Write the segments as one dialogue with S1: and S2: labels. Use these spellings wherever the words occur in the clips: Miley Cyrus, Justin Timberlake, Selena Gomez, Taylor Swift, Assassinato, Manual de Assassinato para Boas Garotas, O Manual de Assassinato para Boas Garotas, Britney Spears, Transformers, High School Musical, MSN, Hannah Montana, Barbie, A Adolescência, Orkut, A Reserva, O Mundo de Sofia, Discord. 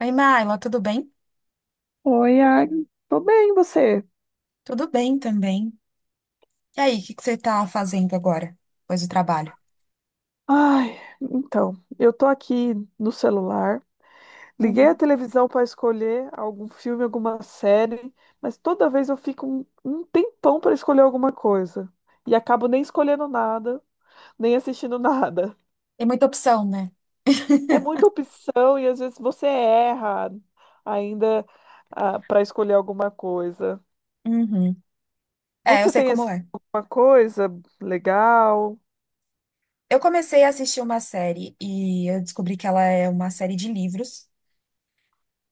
S1: Oi, Maila, tudo bem?
S2: Oi, Agnes. Tô bem, e você?
S1: Tudo bem também. E aí, o que que você tá fazendo agora, depois do trabalho?
S2: Ai, então, eu tô aqui no celular. Liguei a
S1: Uhum.
S2: televisão para escolher algum filme, alguma série, mas toda vez eu fico um tempão para escolher alguma coisa. E acabo nem escolhendo nada, nem assistindo nada.
S1: Tem muita opção, né?
S2: É muita opção e às vezes você erra ainda para escolher alguma coisa.
S1: Uhum. É, eu
S2: Você
S1: sei
S2: tem
S1: como
S2: assim,
S1: é.
S2: alguma coisa legal?
S1: Eu comecei a assistir uma série e eu descobri que ela é uma série de livros.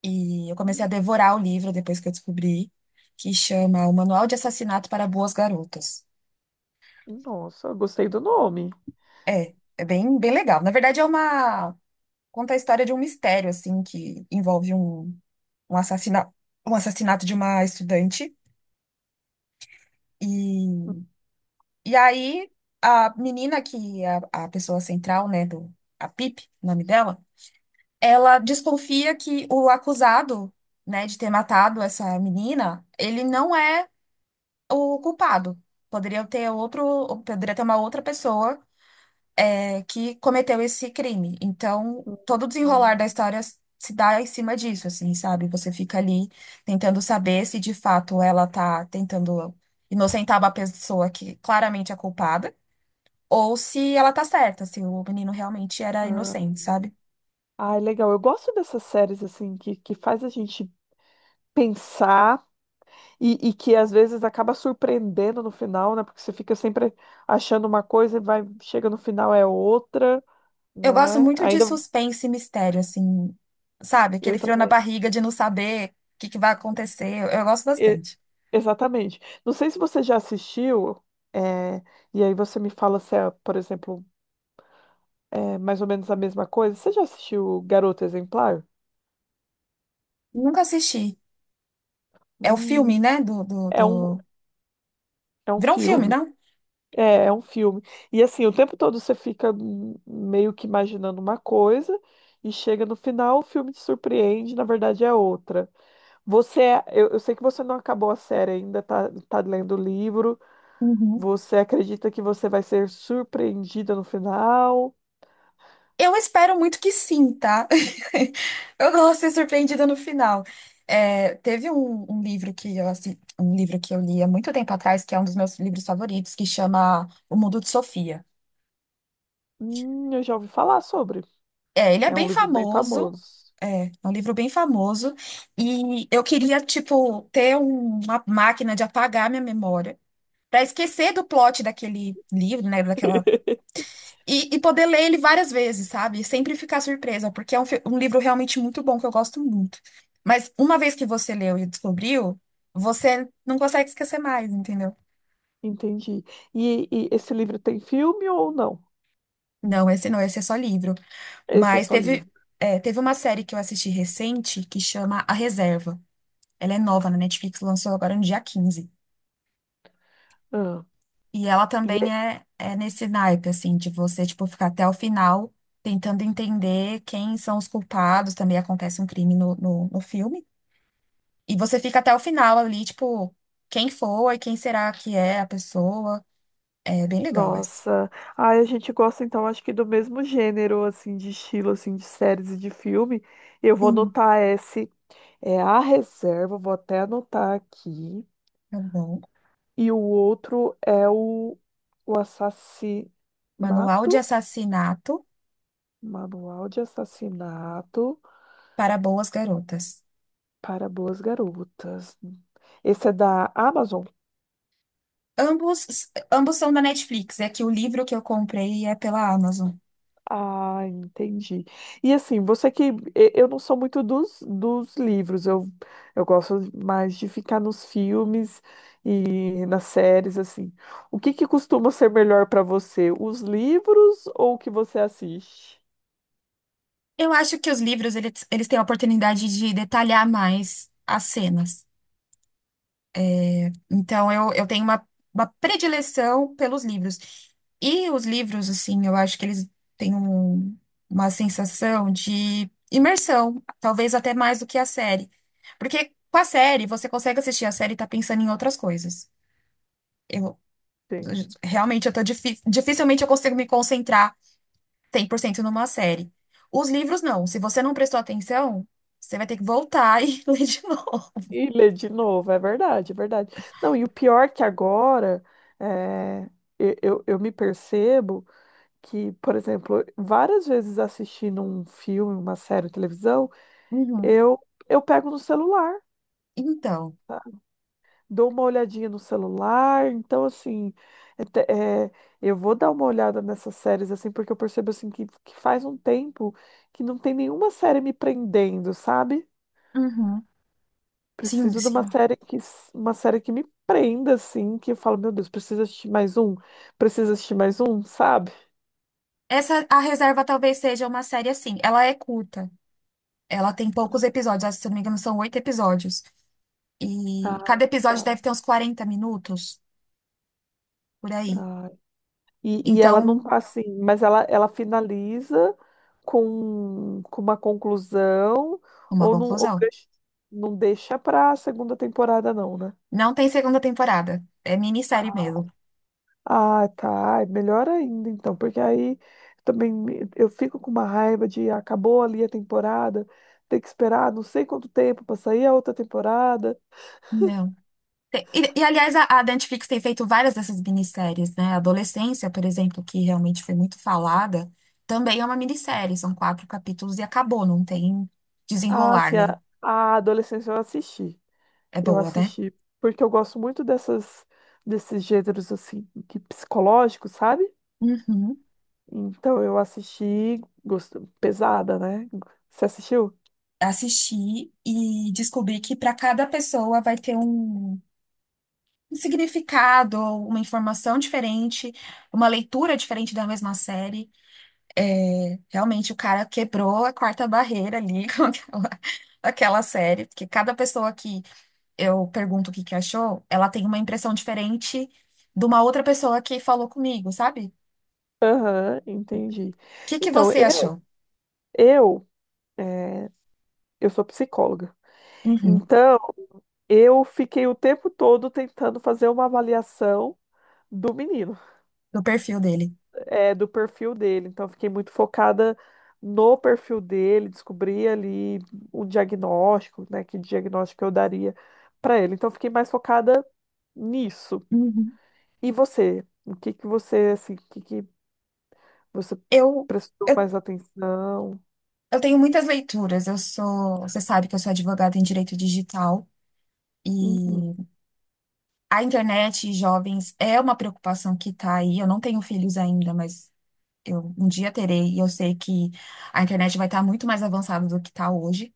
S1: E eu comecei a
S2: Hum.
S1: devorar o livro depois que eu descobri, que chama O Manual de Assassinato para Boas Garotas.
S2: Nossa, gostei do nome.
S1: É, é bem, bem legal. Na verdade, conta a história de um mistério, assim, que envolve um assassinato, um assassinato de uma estudante. E E aí, a menina que é a pessoa central, né, a Pip, o nome dela, ela desconfia que o acusado, né, de ter matado essa menina, ele não é o culpado. Poderia ter outro, poderia ter uma outra pessoa, é, que cometeu esse crime. Então, todo o desenrolar da
S2: Hum.
S1: história se dá em cima disso, assim, sabe? Você fica ali tentando saber se de fato ela tá tentando inocentar uma pessoa que claramente é culpada ou se ela tá certa, se o menino realmente era
S2: Ah,
S1: inocente, sabe?
S2: ai, legal. Eu gosto dessas séries assim que faz a gente pensar e que às vezes acaba surpreendendo no final, né? Porque você fica sempre achando uma coisa e vai, chega no final é outra,
S1: Eu
S2: não
S1: gosto
S2: é?
S1: muito de
S2: Ainda
S1: suspense e mistério, assim, sabe?
S2: eu
S1: Aquele frio na
S2: também.
S1: barriga de não saber o que que vai acontecer. Eu gosto
S2: E-
S1: bastante.
S2: Exatamente. Não sei se você já assistiu, é, e aí você me fala se é, por exemplo, é mais ou menos a mesma coisa. Você já assistiu Garota Exemplar?
S1: Nunca assisti. É o filme,
S2: Hum,
S1: né? Do, do,
S2: é um,
S1: do...
S2: é um
S1: Virou um filme,
S2: filme.
S1: não?
S2: É, é um filme. E assim, o tempo todo você fica meio que imaginando uma coisa e chega no final, o filme te surpreende, na verdade é outra. Eu sei que você não acabou a série ainda, tá, tá lendo o livro.
S1: Uhum.
S2: Você acredita que você vai ser surpreendida no final?
S1: Eu espero muito que sim, tá? Eu gosto de ser surpreendida no final. É, teve um, um livro que eu assi- um livro que eu li há muito tempo atrás, que é um dos meus livros favoritos, que chama O Mundo de Sofia.
S2: Eu já ouvi falar sobre.
S1: É, ele é
S2: É um
S1: bem
S2: livro bem
S1: famoso,
S2: famoso.
S1: é um livro bem famoso, e eu queria, tipo, ter uma máquina de apagar minha memória, para esquecer do plot daquele livro, né, daquela. E poder ler ele várias vezes, sabe? Sempre ficar surpresa, porque é um livro realmente muito bom, que eu gosto muito. Mas uma vez que você leu e descobriu, você não consegue esquecer mais, entendeu?
S2: Entendi. E esse livro tem filme ou não?
S1: Não, esse não, esse é só livro.
S2: Esse é
S1: Mas
S2: só
S1: teve,
S2: livro.
S1: teve uma série que eu assisti recente que chama A Reserva. Ela é nova na Netflix, lançou agora no dia 15.
S2: Ah.
S1: E ela
S2: E
S1: também é nesse naipe, assim, de você, tipo, ficar até o final tentando entender quem são os culpados. Também acontece um crime no filme. E você fica até o final ali, tipo, quem foi, quem será que é a pessoa. É bem legal esse.
S2: nossa, ai, a gente gosta então, acho que do mesmo gênero, assim, de estilo, assim, de séries e de filme. Eu vou
S1: Sim,
S2: anotar esse, é A Reserva, vou até anotar aqui.
S1: tá bom.
S2: E o outro é o
S1: Manual de
S2: Assassinato,
S1: Assassinato
S2: Manual de Assassinato
S1: para Boas Garotas.
S2: para Boas Garotas. Esse é da Amazon?
S1: Ambos, ambos são da Netflix, é que o livro que eu comprei é pela Amazon.
S2: Ah, entendi. E assim, Eu não sou muito dos livros, eu gosto mais de ficar nos filmes e nas séries, assim. O que que costuma ser melhor para você, os livros ou o que você assiste?
S1: Eu acho que os livros, eles têm a oportunidade de detalhar mais as cenas. Então, eu tenho uma predileção pelos livros. E os livros, assim, eu acho que eles têm uma sensação de imersão, talvez até mais do que a série. Porque com a série, você consegue assistir a série e tá pensando em outras coisas. Eu,
S2: Sim.
S1: realmente, dificilmente eu consigo me concentrar 100% numa série. Os livros, não. Se você não prestou atenção, você vai ter que voltar e ler de novo.
S2: E ler de novo, é verdade, é verdade. Não, e o pior é que agora é, eu, eu me percebo que, por exemplo, várias vezes assistindo um filme, uma série, televisão,
S1: Uhum.
S2: Eu, eu pego no celular,
S1: Então.
S2: tá? Dou uma olhadinha no celular, então assim, é te- é, eu vou dar uma olhada nessas séries assim, porque eu percebo assim que faz um tempo que não tem nenhuma série me prendendo, sabe?
S1: Uhum. Sim,
S2: Preciso de uma
S1: sim.
S2: série uma série que me prenda assim, que eu falo, meu Deus, preciso assistir mais um, preciso assistir mais um, sabe?
S1: Essa, A Reserva talvez seja uma série assim. Ela é curta. Ela tem poucos episódios. Acho que, se não me engano, são oito episódios. E
S2: Ah,
S1: cada episódio
S2: legal.
S1: deve ter uns 40 minutos, por aí.
S2: Ah, e ela não
S1: Então,
S2: tá assim, mas ela finaliza com uma conclusão,
S1: uma
S2: ou não, ou
S1: conclusão.
S2: deixa, não deixa pra segunda temporada, não, né?
S1: Não tem segunda temporada. É minissérie
S2: Ah,
S1: mesmo.
S2: ah, tá. É melhor ainda, então, porque aí eu fico com uma raiva de acabou ali a temporada, ter que esperar não sei quanto tempo pra sair a outra temporada.
S1: Não. E, aliás, a Netflix tem feito várias dessas minisséries, né? A Adolescência, por exemplo, que realmente foi muito falada, também é uma minissérie. São quatro capítulos e acabou. Não tem
S2: Ah,
S1: desenrolar,
S2: assim,
S1: né?
S2: a adolescência eu assisti.
S1: É
S2: Eu
S1: boa, né?
S2: assisti, porque eu gosto muito dessas desses gêneros assim, que psicológicos, sabe?
S1: Uhum.
S2: Então eu assisti, gosto, pesada, né? Você assistiu?
S1: Assistir e descobrir que para cada pessoa vai ter um significado, uma informação diferente, uma leitura diferente da mesma série. É, realmente, o cara quebrou a quarta barreira ali com aquela série, porque cada pessoa que eu pergunto o que que achou, ela tem uma impressão diferente de uma outra pessoa que falou comigo, sabe? O
S2: Aham, entendi.
S1: que que
S2: Então,
S1: você
S2: eu
S1: achou?
S2: eu é, eu sou psicóloga.
S1: Uhum,
S2: Então, eu fiquei o tempo todo tentando fazer uma avaliação do menino.
S1: do perfil dele.
S2: É, do perfil dele. Então, eu fiquei muito focada no perfil dele, descobri ali o diagnóstico, né? Que diagnóstico eu daria para ele. Então, eu fiquei mais focada nisso.
S1: Uhum.
S2: E você? O que que você, assim, o que que você
S1: Eu.
S2: prestou
S1: eu
S2: mais atenção?
S1: Eu tenho muitas leituras. Eu sou, você sabe que eu sou advogada em direito digital e
S2: Uhum.
S1: a internet e jovens é uma preocupação que está aí. Eu não tenho filhos ainda, mas eu um dia terei e eu sei que a internet vai estar muito mais avançada do que está hoje.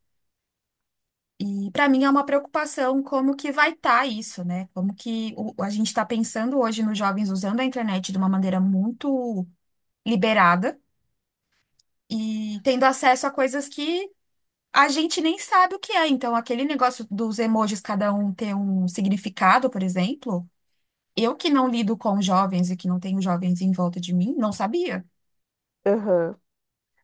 S1: E para mim é uma preocupação como que vai estar isso, né? Como que a gente está pensando hoje nos jovens usando a internet de uma maneira muito liberada e tendo acesso a coisas que a gente nem sabe o que é, então aquele negócio dos emojis cada um ter um significado, por exemplo, eu que não lido com jovens e que não tenho jovens em volta de mim, não sabia.
S2: Aham.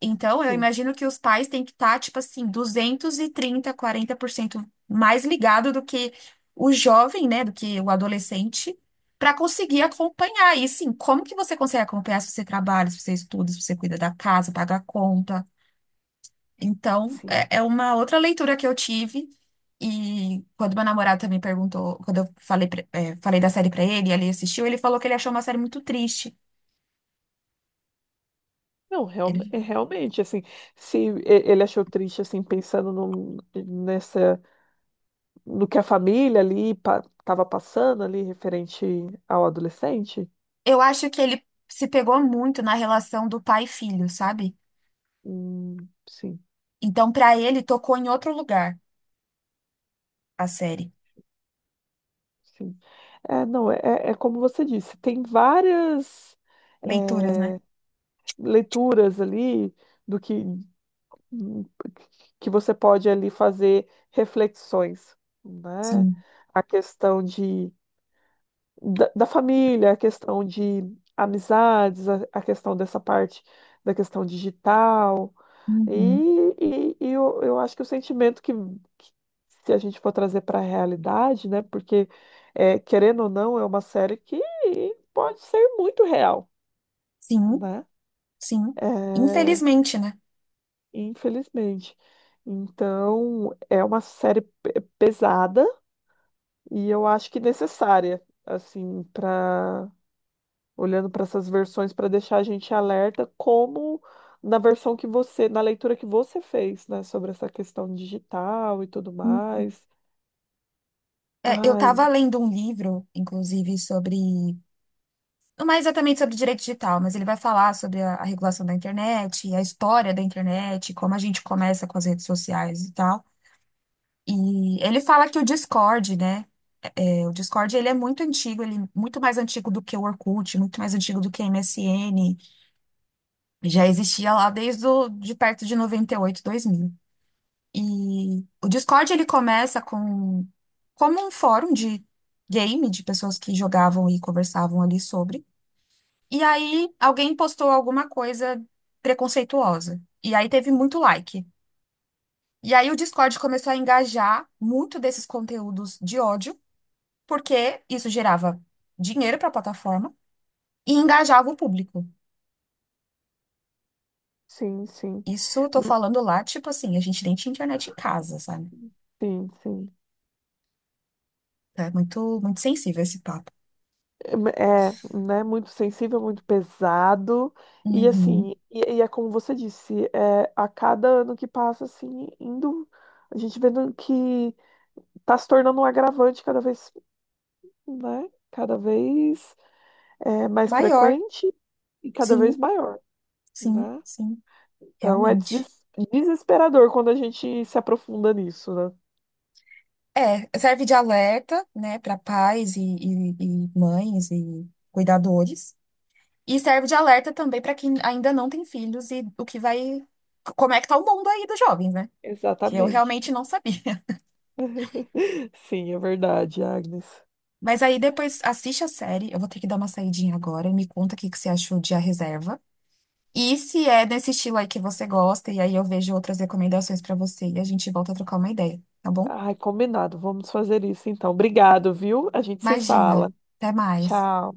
S1: Então eu
S2: Sim,
S1: imagino que os pais têm que estar, tipo assim, 230, 40% mais ligado do que o jovem, né, do que o adolescente, para conseguir acompanhar. E sim, como que você consegue acompanhar se você trabalha, se você estuda, se você cuida da casa, paga a conta? Então,
S2: sim.
S1: é uma outra leitura que eu tive. E quando meu namorado também perguntou, quando eu falei, falei da série pra ele, e ele assistiu, ele falou que ele achou uma série muito triste.
S2: Não, real-
S1: Ele-
S2: É realmente, assim, se e- ele achou triste, assim, pensando num- nessa no que a família ali estava passando ali referente ao adolescente?
S1: eu acho que ele se pegou muito na relação do pai e filho, sabe?
S2: Hum, sim,
S1: Então, pra ele, tocou em outro lugar a série.
S2: sim. É, não, é como você disse, tem várias
S1: Leituras, né?
S2: leituras ali do que você pode ali fazer reflexões, né?
S1: Sim.
S2: A questão de da família, a questão de amizades, a questão dessa parte da questão digital. E,
S1: Uhum.
S2: e eu acho que o sentimento que se a gente for trazer para a realidade, né? Porque, é, querendo ou não, é uma série que pode ser muito real,
S1: Sim,
S2: né?
S1: sim.
S2: É,
S1: Infelizmente, né?
S2: infelizmente. Então, é uma série pesada e eu acho que necessária, assim, para olhando para essas versões para deixar a gente alerta, como na versão que você, na leitura que você fez, né, sobre essa questão digital e tudo
S1: Hum.
S2: mais.
S1: É, eu
S2: Ai,
S1: tava lendo um livro, inclusive, sobre. Não é exatamente sobre direito digital, mas ele vai falar sobre a regulação da internet, a história da internet, como a gente começa com as redes sociais e tal. E ele fala que o Discord, né? É, o Discord ele é muito antigo, ele é muito mais antigo do que o Orkut, muito mais antigo do que MSN. Já existia lá desde de perto de noventa e oito 2000. E o Discord ele começa como um fórum de game de pessoas que jogavam e conversavam ali sobre. E aí alguém postou alguma coisa preconceituosa. E aí teve muito like. E aí o Discord começou a engajar muito desses conteúdos de ódio, porque isso gerava dinheiro para a plataforma e engajava o público.
S2: sim, sim.
S1: Isso eu tô
S2: M-.
S1: falando lá, tipo assim, a gente nem tinha internet em casa, sabe?
S2: Sim, sim.
S1: É muito, muito sensível esse papo.
S2: É, né, muito sensível, muito pesado. E
S1: Uhum.
S2: assim, e, e é como você disse, é, a cada ano que passa, assim, indo, a gente vendo que tá se tornando um agravante cada vez, né, cada vez é, mais
S1: Maior.
S2: frequente e cada vez
S1: Sim,
S2: maior.
S1: sim,
S2: Né?
S1: sim,
S2: Então é
S1: realmente.
S2: deses- desesperador quando a gente se aprofunda nisso, né?
S1: É, serve de alerta, né, para pais e mães e cuidadores. E serve de alerta também para quem ainda não tem filhos e o que vai. Como é que tá o mundo aí dos jovens, né? Que eu
S2: Exatamente.
S1: realmente não sabia.
S2: Sim, é verdade, Agnes.
S1: Mas aí depois assiste a série. Eu vou ter que dar uma saidinha agora. Me conta o que que você achou de A Reserva. E se é desse estilo aí que você gosta, e aí eu vejo outras recomendações para você e a gente volta a trocar uma ideia, tá bom?
S2: Ai, combinado. Vamos fazer isso então. Obrigado, viu? A gente se
S1: Imagina.
S2: fala.
S1: Até mais.
S2: Tchau.